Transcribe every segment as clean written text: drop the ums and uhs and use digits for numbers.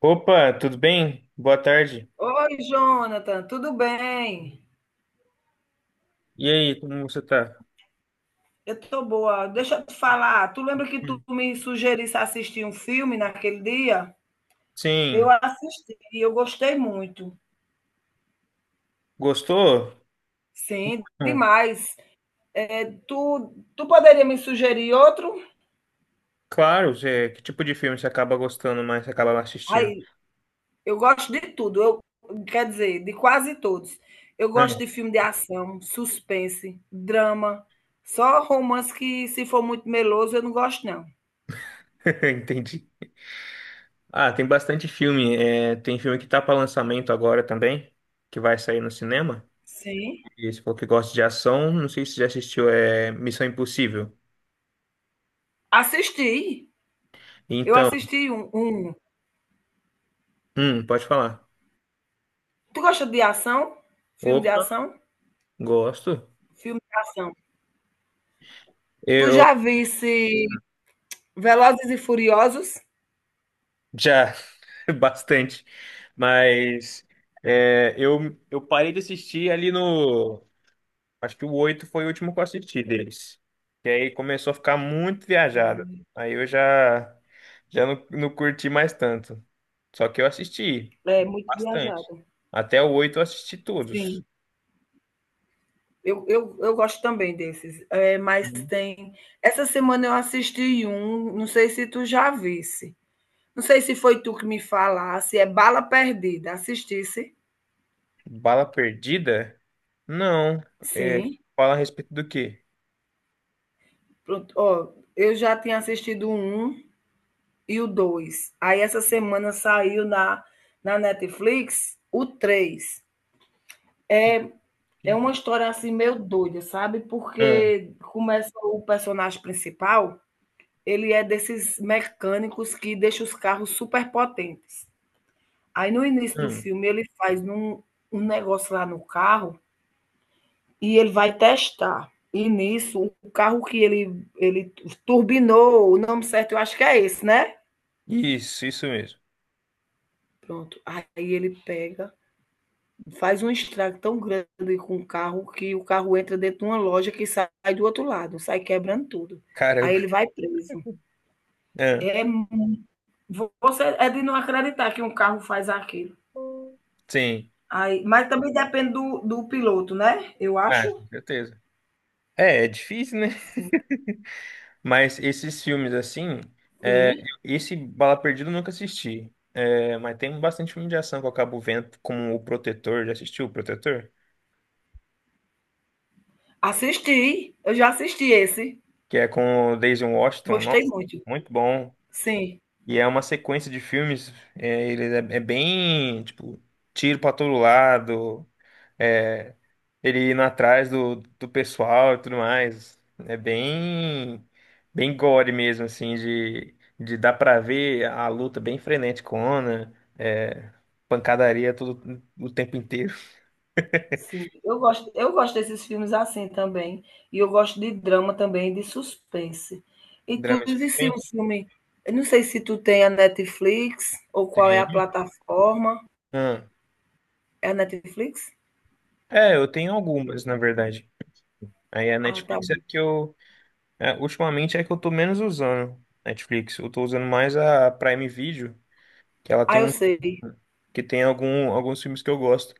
Opa, tudo bem? Boa tarde. Oi, Jonathan, tudo bem? E aí, como você tá? Eu tô boa. Deixa eu te falar, tu lembra que tu Hum. me sugerisse assistir um filme naquele dia? Eu Sim, assisti e eu gostei muito. gostou? Sim, Hum, demais. É, Tu poderia me sugerir outro? Claro, Zé. Que tipo de filme você acaba gostando mais, você acaba assistindo? Aí, eu gosto de tudo, eu, quer dizer, de quase todos. Eu gosto de Ah, filme de ação, suspense, drama, só romance que se for muito meloso eu não gosto não. entendi. Ah, tem bastante filme. É, tem filme que tá para lançamento agora também, que vai sair no cinema. Sim. E você falou que gosta de ação, não sei se você já assistiu, é Missão Impossível. Assisti. Eu Então, assisti um, um pode falar. Tu gosta de ação? Filme de Opa, ação? gosto. Filme de ação. Tu Eu já visse Velozes e Furiosos? Já, bastante. Mas eu parei de assistir ali no. Acho que o 8 foi o último que eu assisti deles. E aí começou a ficar muito viajado. Sim. Aí eu já não curti mais tanto. Só que eu assisti É muito bastante. viajado. Até o oito eu assisti todos. Sim. Eu gosto também desses. É, mas Uhum. tem. Essa semana eu assisti um, não sei se tu já visse. Não sei se foi tu que me falasse, é Bala Perdida. Assistisse? Bala Perdida? Não. É, Sim. fala a respeito do quê? Pronto. Ó, eu já tinha assistido o um e o dois. Aí essa semana saiu na Netflix o três. É uma história assim meio doida, sabe? Hum, Porque começa o personagem principal, ele é desses mecânicos que deixa os carros super potentes. Aí no início do hum. filme ele faz um negócio lá no carro e ele vai testar. E nisso, o carro que ele turbinou, o nome certo eu acho que é esse, né? Isso, isso mesmo. Pronto. Aí ele pega. Faz um estrago tão grande com o carro que o carro entra dentro de uma loja que sai do outro lado, sai quebrando tudo. Aí Caramba. ele vai preso. É, você é de não acreditar que um carro faz aquilo. Sim, Aí, mas também depende do piloto, né? Eu acho. ah, com certeza. É difícil, né? Sim. Mas esses filmes assim, é, Sim. esse Bala Perdida eu nunca assisti. É, mas tem bastante filme de ação que eu acabo vendo, como O Protetor, já assistiu O Protetor? Assisti, eu já assisti esse. Que é com o Daisy Washington, Gostei nossa, muito. muito bom. Sim. E é uma sequência de filmes, ele é bem, tipo, tiro pra todo lado. É, ele indo atrás do pessoal e tudo mais. É bem gore mesmo, assim, de dar pra ver a luta bem freneticona, é, pancadaria todo, o tempo inteiro. Sim, eu gosto desses filmes assim também. E eu gosto de drama também, de suspense. E Drama e tudo isso é um suspense? filme. Eu não sei se tu tem a Netflix ou qual é a Tem. plataforma. Ah, É a Netflix? Eu tenho algumas, na verdade. Aí a Ah, tá Netflix é bom. que eu. Ultimamente é que eu tô menos usando Netflix. Eu tô usando mais a Prime Video, que ela Ah, tem eu um, sei. que tem alguns filmes que eu gosto.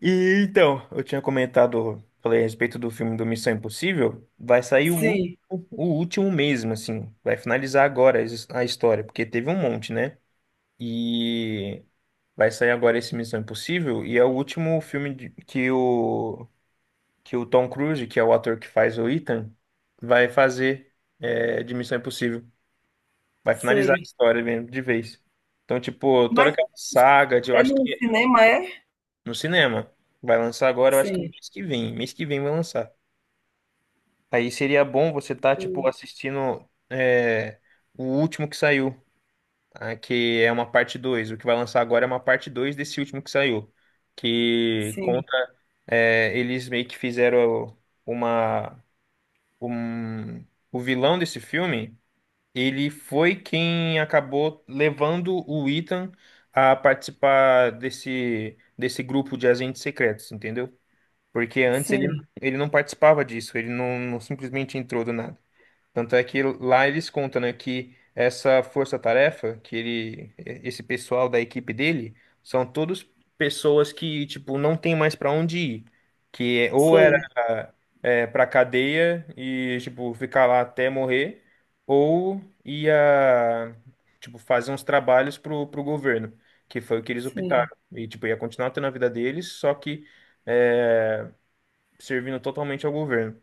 E então, eu tinha comentado, falei a respeito do filme do Missão Impossível, vai sair Sim, o último mesmo, assim, vai finalizar agora a história, porque teve um monte, né? E vai sair agora esse Missão Impossível, e é o último filme que o Tom Cruise, que é o ator que faz o Ethan, vai fazer de Missão Impossível. Vai finalizar a sei. história mesmo, de vez. Então, tipo, toda Mas aquela saga de, eu é acho no que cinema, é? no cinema. Vai lançar agora, eu acho que Sim, mês que vem. Mês que vem vai lançar. Aí seria bom você estar, tipo, assistindo o último que saiu, ah, que é uma parte dois. O que vai lançar agora é uma parte 2 desse último que saiu. Que sim, conta. Eles meio que fizeram uma. Um, o vilão desse filme, ele foi quem acabou levando o Ethan a participar desse grupo de agentes secretos, entendeu? Porque antes ele, sim. ele não participava disso, ele não simplesmente entrou do nada. Tanto é que lá eles contam, né, que essa força-tarefa, que ele, esse pessoal da equipe dele, são todos pessoas que, tipo, não tem mais para onde ir. Ou era Sei, pra cadeia e, tipo, ficar lá até morrer, ou ia, tipo, fazer uns trabalhos pro governo, que foi o que eles sim. optaram. E, tipo, ia continuar tendo a vida deles, só que. é, Servindo totalmente ao governo.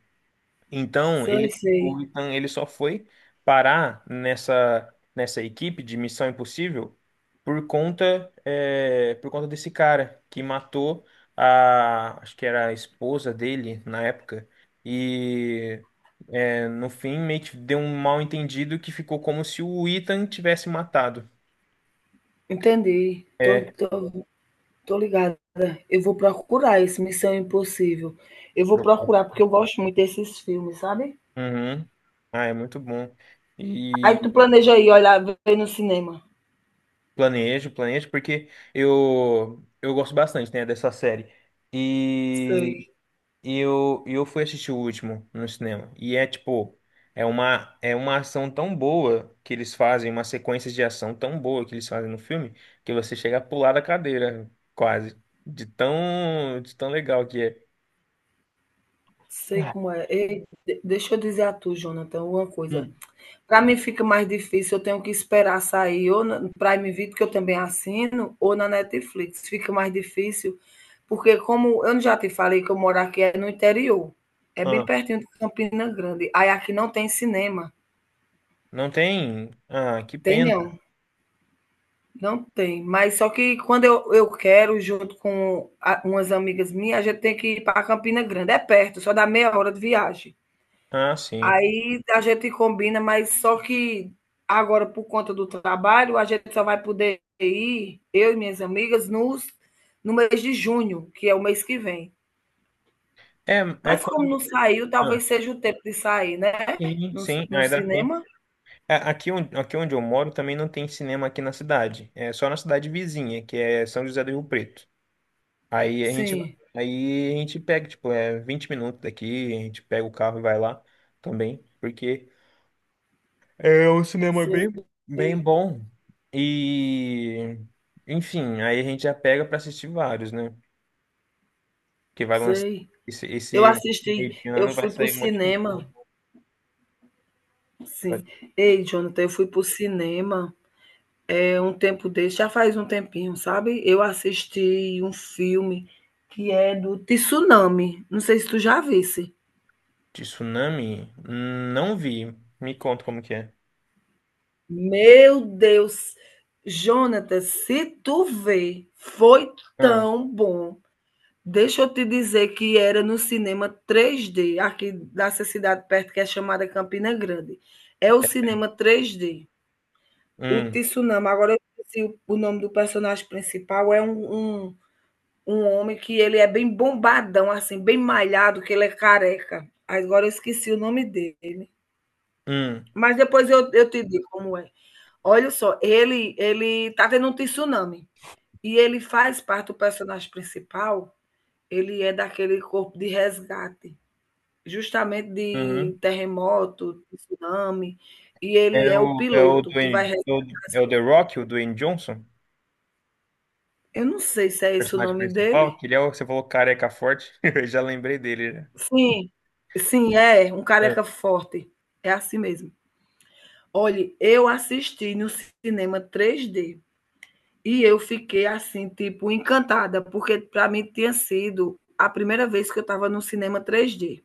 Então, Sei, ele, sei. o Ethan, ele só foi parar nessa equipe de Missão Impossível por conta desse cara que matou acho que era a esposa dele na época. E no fim, meio que deu um mal entendido que ficou como se o Ethan tivesse matado. Entendi. Tô, É. tô Tô ligada. Eu vou procurar esse Missão Impossível. Eu vou Procure. procurar, porque eu gosto muito desses filmes, sabe? Uhum. Ah, é muito bom. Aí tu e planeja aí, olha, ver no cinema. Planejo, planejo, porque eu gosto bastante, né, dessa série. E Sei, e eu fui assistir o último no cinema. E é tipo, é uma ação tão boa que eles fazem, uma sequência de ação tão boa que eles fazem no filme, que você chega a pular da cadeira, quase. De tão legal que é. sei Ah, como é. Ei, deixa eu dizer a tu, Jonathan, uma coisa. hum, Para mim fica mais difícil, eu tenho que esperar sair ou no Prime Video, que eu também assino, ou na Netflix. Fica mais difícil, porque como eu já te falei que eu moro aqui é no interior, é ah, bem pertinho de Campina Grande. Aí aqui não tem cinema. não tem. Ah, que Tem pena. não. Não tem, mas só que quando eu quero, junto com umas amigas minhas, a gente tem que ir para Campina Grande. É perto, só dá meia hora de viagem. Ah, sim. Aí a gente combina, mas só que agora, por conta do trabalho, a gente só vai poder ir, eu e minhas amigas, no mês de junho, que é o mês que vem. É, é Mas como quando. não saiu, Ah, talvez seja o tempo de sair, né? sim, No, sim, no ainda dá tempo. cinema? É, aqui, aqui onde eu moro também não tem cinema aqui na cidade. É só na cidade vizinha, que é São José do Rio Preto. Aí a gente, Sim, aí a gente pega, tipo, é 20 minutos daqui, a gente pega o carro e vai lá também, porque é um cinema bem, sei, bem bom. E, enfim, aí a gente já pega pra assistir vários, né? Que vai lançar sei. esse, esse, Eu esse meio de assisti, eu ano vai fui para o sair um monte de filme. cinema. Sim. Ei, Jonathan, eu fui pro cinema, é um tempo desse, já faz um tempinho, sabe? Eu assisti um filme que é do Tsunami, não sei se tu já visse. De tsunami? Não vi. Me conta como que é. Meu Deus! Jonathan, se tu vê, foi Hum, tão bom. Deixa eu te dizer que era no cinema 3D, aqui dessa cidade perto que é chamada Campina Grande. É o é- cinema 3D. O hum. Tsunami, agora eu esqueci o nome do personagem principal, é um homem que ele é bem bombadão, assim, bem malhado, que ele é careca. Agora eu esqueci o nome dele. Hum. Mas depois eu te digo como é. Olha só, ele tá tendo um tsunami. E ele faz parte do personagem principal, ele é daquele corpo de resgate, justamente de Uhum. terremoto, tsunami, e ele É é o o, é o piloto que vai Dwayne, resgatar é o as é o The pessoas. Rock, o Dwayne Johnson, o Eu não sei se é esse o personagem nome principal, dele. que ele é o que você falou careca forte, eu já lembrei dele, né? Sim, sim, é, um careca forte. É assim mesmo. Olhe, eu assisti no cinema 3D e eu fiquei assim, tipo, encantada, porque para mim tinha sido a primeira vez que eu estava no cinema 3D.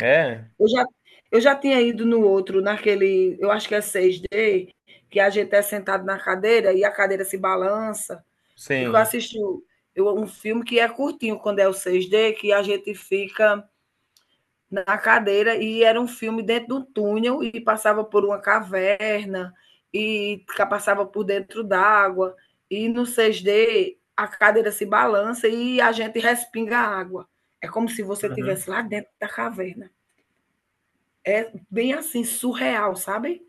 É, é, Eu já, eu já tinha ido no outro, naquele, eu acho que é 6D, que a gente é sentado na cadeira e a cadeira se balança. E que eu sim. assisti um filme que é curtinho quando é o 6D, que a gente fica na cadeira e era um filme dentro de um túnel e passava por uma caverna e passava por dentro d'água e no 6D a cadeira se balança e a gente respinga a água. É como se você Uhum, estivesse lá dentro da caverna. É bem assim, surreal, sabe?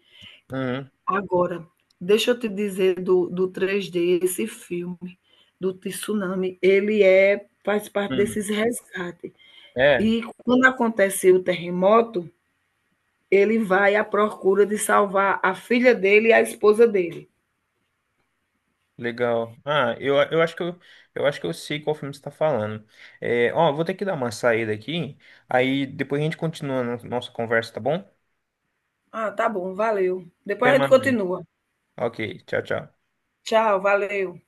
uhum, Agora, deixa eu te dizer do 3D, esse filme do tsunami, ele faz parte uhum. desses resgates. É, E quando acontece o terremoto, ele vai à procura de salvar a filha dele e a esposa dele. Legal. Ah, eu acho que eu sei qual filme você está falando. Ó, vou ter que dar uma saída aqui, aí depois a gente continua a nossa conversa, tá bom? Ah, tá bom, valeu. Depois Até a gente mais. continua. Ok, tchau, tchau. Tchau, valeu.